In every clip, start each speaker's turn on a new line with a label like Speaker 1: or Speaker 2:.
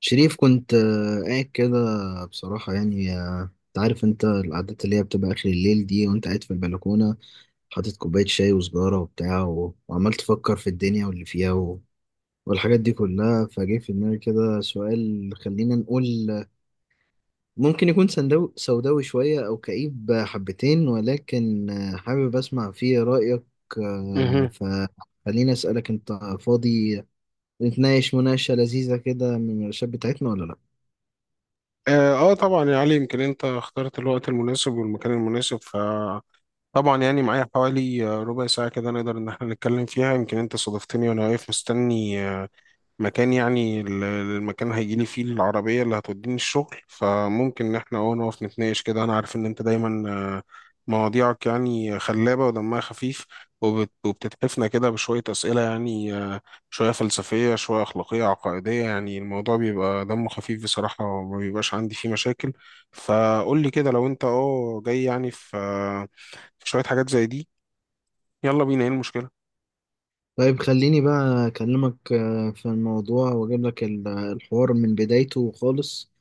Speaker 1: شريف كنت قاعد كده. بصراحة انت عارف، انت القعدات اللي هي بتبقى آخر الليل دي وانت قاعد في البلكونة، حاطط كوباية شاي وسجارة وبتاع وعمال تفكر في الدنيا واللي فيها والحاجات دي كلها. فجه في دماغي كده سؤال، خلينا نقول ممكن يكون سوداوي شوية أو كئيب حبتين، ولكن حابب أسمع فيه رأيك.
Speaker 2: مهم.
Speaker 1: آه، فخليني أسألك، انت فاضي نتناقش مناقشة لذيذة كده من الشاب بتاعتنا ولا لأ؟
Speaker 2: طبعا يا علي، يمكن انت اخترت الوقت المناسب والمكان المناسب، فطبعا يعني معايا حوالي ربع ساعة كده نقدر ان احنا نتكلم فيها. يمكن انت صادفتني وانا واقف مستني مكان، يعني المكان هيجي لي فيه العربية اللي هتوديني الشغل، فممكن إن إحنا نقف نتناقش كده. أنا عارف إن أنت دايما آه، مواضيعك يعني خلابة ودمها خفيف، وبتتحفنا كده بشوية أسئلة، يعني شوية فلسفية شوية أخلاقية عقائدية. يعني الموضوع بيبقى دمه خفيف بصراحة، وما بيبقاش عندي فيه مشاكل. فقول لي كده، لو أنت جاي يعني في في شوية حاجات زي دي، يلا بينا. إيه
Speaker 1: طيب خليني بقى أكلمك في الموضوع وأجيب لك الحوار من بدايته خالص.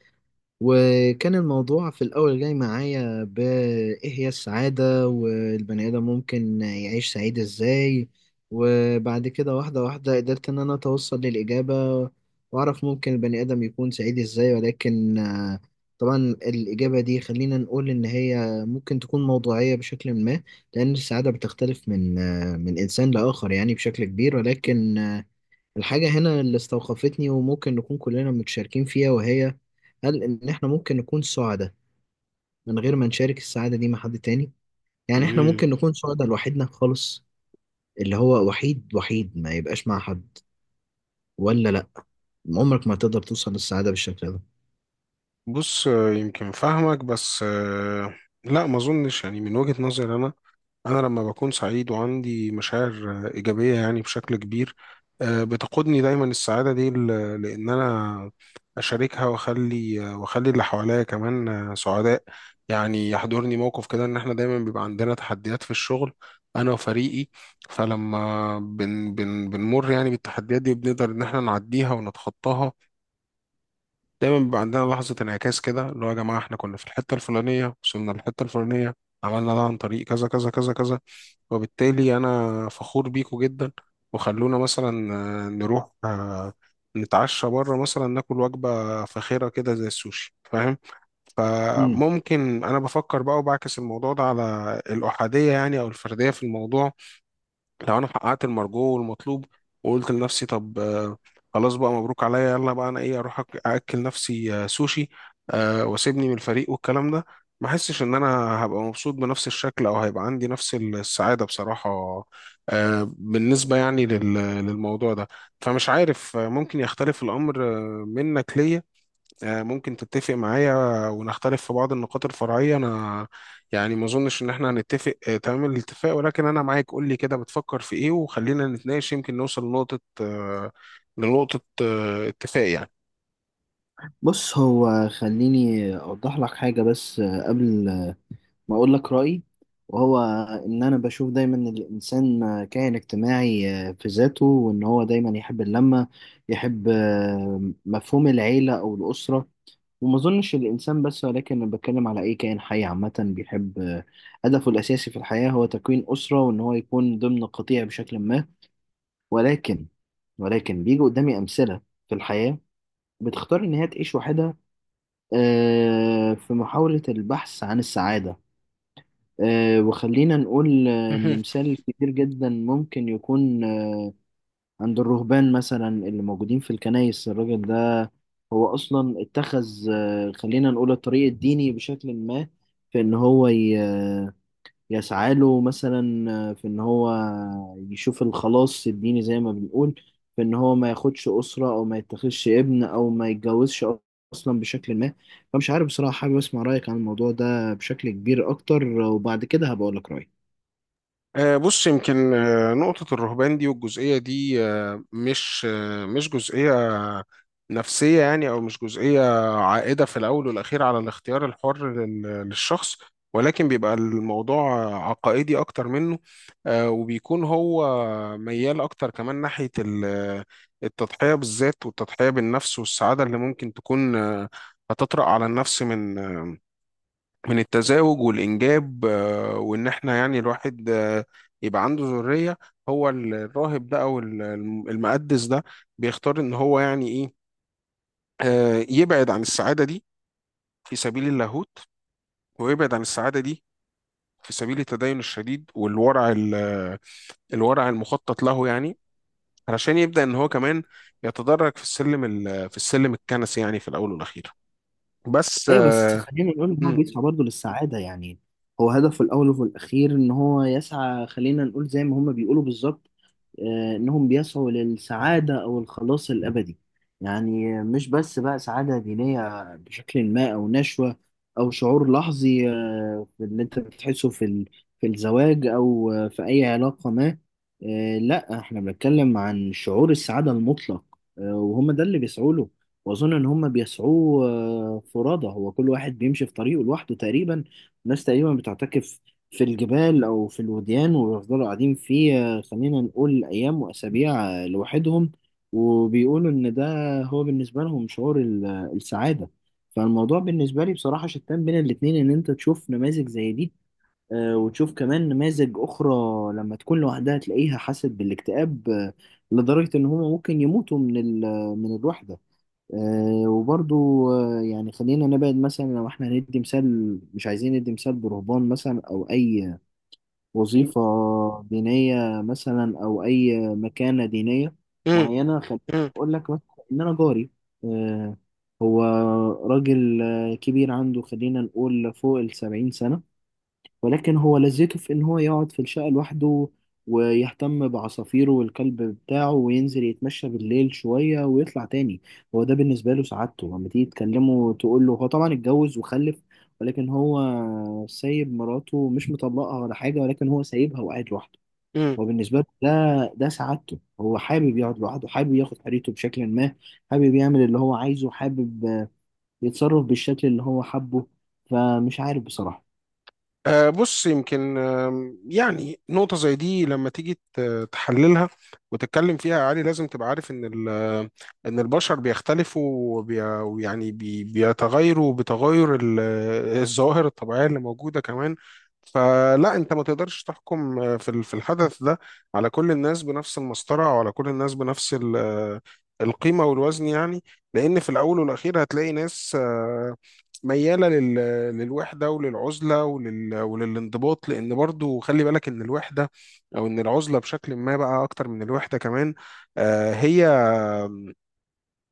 Speaker 1: وكان الموضوع في الأول جاي معايا بإيه هي السعادة، والبني آدم ممكن يعيش سعيد إزاي. وبعد كده واحدة واحدة قدرت إن أنا أتوصل للإجابة وأعرف ممكن البني آدم يكون سعيد إزاي. ولكن طبعا الإجابة دي خلينا نقول إن هي ممكن تكون موضوعية بشكل ما، لأن السعادة بتختلف من من إنسان لآخر يعني بشكل كبير. ولكن الحاجة هنا اللي استوقفتني وممكن نكون كلنا متشاركين فيها، وهي هل إن إحنا ممكن نكون سعداء من غير ما نشارك السعادة دي مع حد تاني؟ يعني إحنا
Speaker 2: المشكلة؟
Speaker 1: ممكن نكون سعداء لوحدنا خالص، اللي هو وحيد وحيد ما يبقاش مع حد، ولا لأ؟ عمرك ما تقدر توصل للسعادة بالشكل ده.
Speaker 2: بص، يمكن فاهمك، بس لا ما اظنش. يعني من وجهة نظري انا، انا لما بكون سعيد وعندي مشاعر ايجابية يعني بشكل كبير، بتقودني دايما السعادة دي لان انا اشاركها واخلي واخلي اللي حواليا كمان سعداء. يعني يحضرني موقف كده، ان احنا دايما بيبقى عندنا تحديات في الشغل، انا وفريقي، فلما بن بن بنمر يعني بالتحديات دي، بنقدر ان احنا نعديها ونتخطاها. دايما بيبقى عندنا لحظة انعكاس كده، اللي هو يا جماعة احنا كنا في الحتة الفلانية وصلنا للحتة الفلانية، عملنا ده عن طريق كذا كذا كذا كذا، وبالتالي أنا فخور بيكو جدا، وخلونا مثلا نروح نتعشى بره مثلا، ناكل وجبة فاخرة كده زي السوشي، فاهم؟
Speaker 1: مم.
Speaker 2: فممكن أنا بفكر بقى وبعكس الموضوع ده على الأحادية، يعني أو الفردية في الموضوع. لو انا حققت المرجو والمطلوب وقلت لنفسي طب خلاص بقى مبروك عليا، يلا بقى انا ايه، اروح اكل نفسي سوشي واسيبني من الفريق والكلام ده، ما احسش ان انا هبقى مبسوط بنفس الشكل، او هيبقى عندي نفس السعادة بصراحة بالنسبة يعني للموضوع ده. فمش عارف، ممكن يختلف الامر منك ليا، ممكن تتفق معايا ونختلف في بعض النقاط الفرعية. أنا يعني ما أظنش إن إحنا هنتفق تمام الاتفاق، ولكن أنا معاك، قول لي كده بتفكر في إيه وخلينا نتناقش، يمكن نوصل لنقطة اتفاق.
Speaker 1: بص، هو خليني أوضح لك حاجة بس قبل ما اقول لك رايي. وهو ان انا بشوف دايما إن الانسان كائن اجتماعي في ذاته، وان هو دايما يحب اللمه، يحب مفهوم العيله او الاسره. وما اظنش الانسان بس، ولكن انا بتكلم على اي كائن حي عامه، بيحب هدفه الاساسي في الحياه هو تكوين اسره وان هو يكون ضمن قطيع بشكل ما. ولكن ولكن بيجي قدامي امثله في الحياه بتختار ان هي تعيش وحدها في محاوله البحث عن السعاده. وخلينا نقول
Speaker 2: يعني
Speaker 1: إن مثال كتير جدا ممكن يكون عند الرهبان مثلا اللي موجودين في الكنائس. الراجل ده هو أصلا اتخذ خلينا نقول الطريق الديني بشكل ما، في إن هو يسعى له مثلا في إن هو يشوف الخلاص الديني زي ما بنقول، في إن هو ما ياخدش أسرة أو ما يتخذش ابن أو ما يتجوزش أصلا بشكل ما. فمش عارف بصراحة، حابب أسمع رأيك عن الموضوع ده بشكل كبير أكتر، وبعد كده هبقول لك رأيي.
Speaker 2: بص، يمكن نقطة الرهبان دي والجزئية دي مش جزئية نفسية، يعني أو مش جزئية عائدة في الأول والأخير على الاختيار الحر للشخص، ولكن بيبقى الموضوع عقائدي أكتر منه. وبيكون هو ميال أكتر كمان ناحية التضحية بالذات والتضحية بالنفس، والسعادة اللي ممكن تكون هتطرأ على النفس من التزاوج والإنجاب. وإن إحنا يعني الواحد يبقى عنده ذرية. هو الراهب ده أو المقدس ده بيختار إن هو يعني إيه، يبعد عن السعادة دي في سبيل اللاهوت، ويبعد عن السعادة دي في سبيل التدين الشديد والورع الورع المخطط له، يعني علشان يبدأ إن هو كمان يتدرج في السلم في السلم الكنسي، يعني في الأول والأخير. بس
Speaker 1: ايوه بس خلينا نقول ان هو
Speaker 2: م-
Speaker 1: بيسعى برضه للسعاده يعني، هو هدفه الاول وفي الاخير ان هو يسعى، خلينا نقول زي ما هما بيقولوا بالظبط إنهم بيسعوا للسعادة أو الخلاص الأبدي. يعني مش بس بقى سعادة دينية بشكل ما أو نشوة أو شعور لحظي في اللي أنت بتحسه في في الزواج أو في أي علاقة ما. لا، إحنا بنتكلم عن شعور السعادة المطلق. وهم ده اللي بيسعوا له. وأظن إن هم بيسعوه فرادى، هو كل واحد بيمشي في طريقه لوحده تقريبا. الناس تقريبا بتعتكف في الجبال أو في الوديان ويفضلوا قاعدين فيه خلينا نقول أيام وأسابيع لوحدهم. وبيقولوا إن ده هو بالنسبة لهم شعور السعادة. فالموضوع بالنسبة لي بصراحة شتان بين الاتنين، إن أنت تشوف نماذج زي دي وتشوف كمان نماذج أخرى لما تكون لوحدها تلاقيها حاسة بالاكتئاب لدرجة إن هما ممكن يموتوا من من الوحدة. وبرضو يعني خلينا نبعد مثلا، لو احنا هندي مثال، مش عايزين ندي مثال برهبان مثلا او اي وظيفة دينية مثلا أو أي مكانة دينية
Speaker 2: م-
Speaker 1: معينة. خليني
Speaker 2: م-
Speaker 1: أقول لك مثلا إن أنا جاري آه، هو راجل كبير عنده، خلينا نقول فوق السبعين سنة. ولكن هو لذته في إن هو يقعد في الشقة لوحده ويهتم بعصافيره والكلب بتاعه، وينزل يتمشى بالليل شوية ويطلع تاني. هو ده بالنسبة له سعادته. لما تيجي تكلمه تقول له، هو طبعا اتجوز وخلف، ولكن هو سايب مراته، مش مطلقها ولا حاجة، ولكن هو سايبها وقاعد لوحده.
Speaker 2: م-
Speaker 1: هو بالنسبة له ده سعادته. هو حابب يقعد لوحده، حابب ياخد حريته بشكل ما، حابب يعمل اللي هو عايزه، حابب يتصرف بالشكل اللي هو حبه. فمش عارف بصراحة.
Speaker 2: بص، يمكن يعني نقطة زي دي لما تيجي تحللها وتتكلم فيها يا علي، لازم تبقى عارف إن إن البشر بيختلفوا بيتغيروا بتغير الظواهر الطبيعية اللي موجودة كمان. فلا أنت ما تقدرش تحكم في في الحدث ده على كل الناس بنفس المسطرة، وعلى كل الناس بنفس القيمة والوزن يعني. لأن في الأول والأخير هتلاقي ناس ميالة للوحدة وللعزلة وللانضباط، لأن برضو خلي بالك إن الوحدة أو إن العزلة بشكل ما بقى، أكتر من الوحدة كمان، هي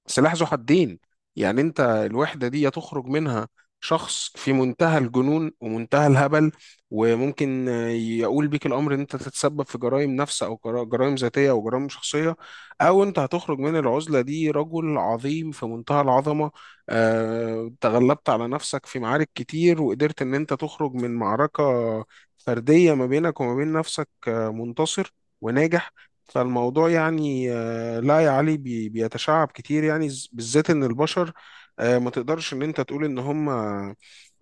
Speaker 2: سلاح ذو حدين. يعني انت الوحدة دي تخرج منها شخص في منتهى الجنون ومنتهى الهبل، وممكن يقول بيك الامر ان انت تتسبب في جرائم نفس او جرائم ذاتية او جرائم شخصية، او انت هتخرج من العزلة دي رجل عظيم في منتهى العظمة، تغلبت على نفسك في معارك كتير وقدرت ان انت تخرج من معركة فردية ما بينك وما بين نفسك منتصر وناجح. فالموضوع يعني لا يا علي، بيتشعب كتير، يعني بالذات ان البشر ما تقدرش ان انت تقول ان هم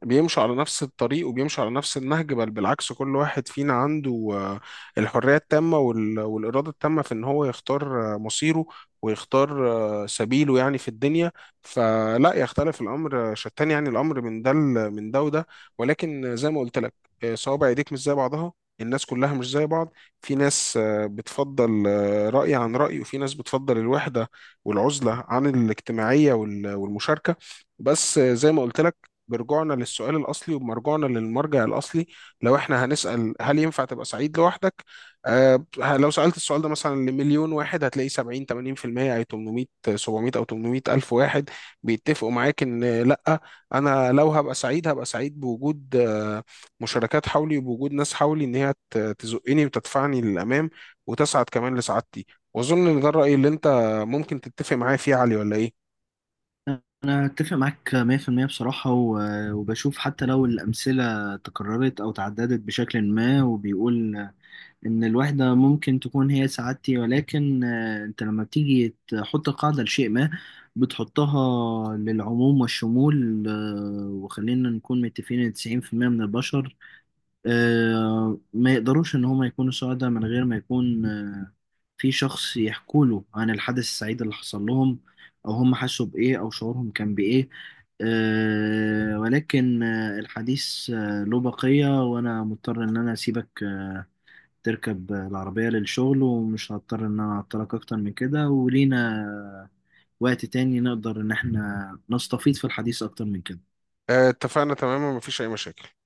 Speaker 2: بيمشوا على نفس الطريق وبيمشوا على نفس النهج، بل بالعكس، كل واحد فينا عنده الحرية التامة والإرادة التامة في ان هو يختار مصيره ويختار سبيله يعني في الدنيا. فلا يختلف الأمر، شتان يعني الأمر من ده من ده وده. ولكن زي ما قلت لك صوابع ايديك مش زي بعضها، الناس كلها مش زي بعض. في ناس بتفضل رأي عن رأي، وفي ناس بتفضل الوحدة والعزلة عن الاجتماعية والمشاركة. بس زي ما قلت لك، برجوعنا للسؤال الأصلي وبمرجوعنا للمرجع الأصلي، لو احنا هنسأل هل ينفع تبقى سعيد لوحدك؟ لو سألت السؤال ده مثلا لمليون واحد، هتلاقي 70 80% أي 800 700 أو 800 ألف واحد بيتفقوا معاك إن لأ، أنا لو هبقى سعيد هبقى سعيد بوجود مشاركات حولي وبوجود ناس حولي ان هي تزقني وتدفعني للامام وتسعد كمان لسعادتي. واظن ان ده الراي اللي انت ممكن تتفق معايا فيه يا علي، ولا ايه؟
Speaker 1: أنا أتفق معاك 100% بصراحة، وبشوف حتى لو الأمثلة تكررت أو تعددت بشكل ما وبيقول إن الوحدة ممكن تكون هي سعادتي، ولكن أنت لما بتيجي تحط قاعدة لشيء ما بتحطها للعموم والشمول. وخلينا نكون متفقين إن 90% من البشر ما يقدروش إن هما يكونوا سعداء من غير ما يكون في شخص يحكوا له عن الحدث السعيد اللي حصل لهم، او هم حسوا بايه او شعورهم كان بايه. أه، ولكن الحديث له بقية، وانا مضطر ان انا اسيبك تركب العربية للشغل، ومش هضطر ان انا اعطلك اكتر من كده. ولينا وقت تاني نقدر ان احنا نستفيد في الحديث اكتر من كده.
Speaker 2: اتفقنا تماما، مفيش اي مشاكل.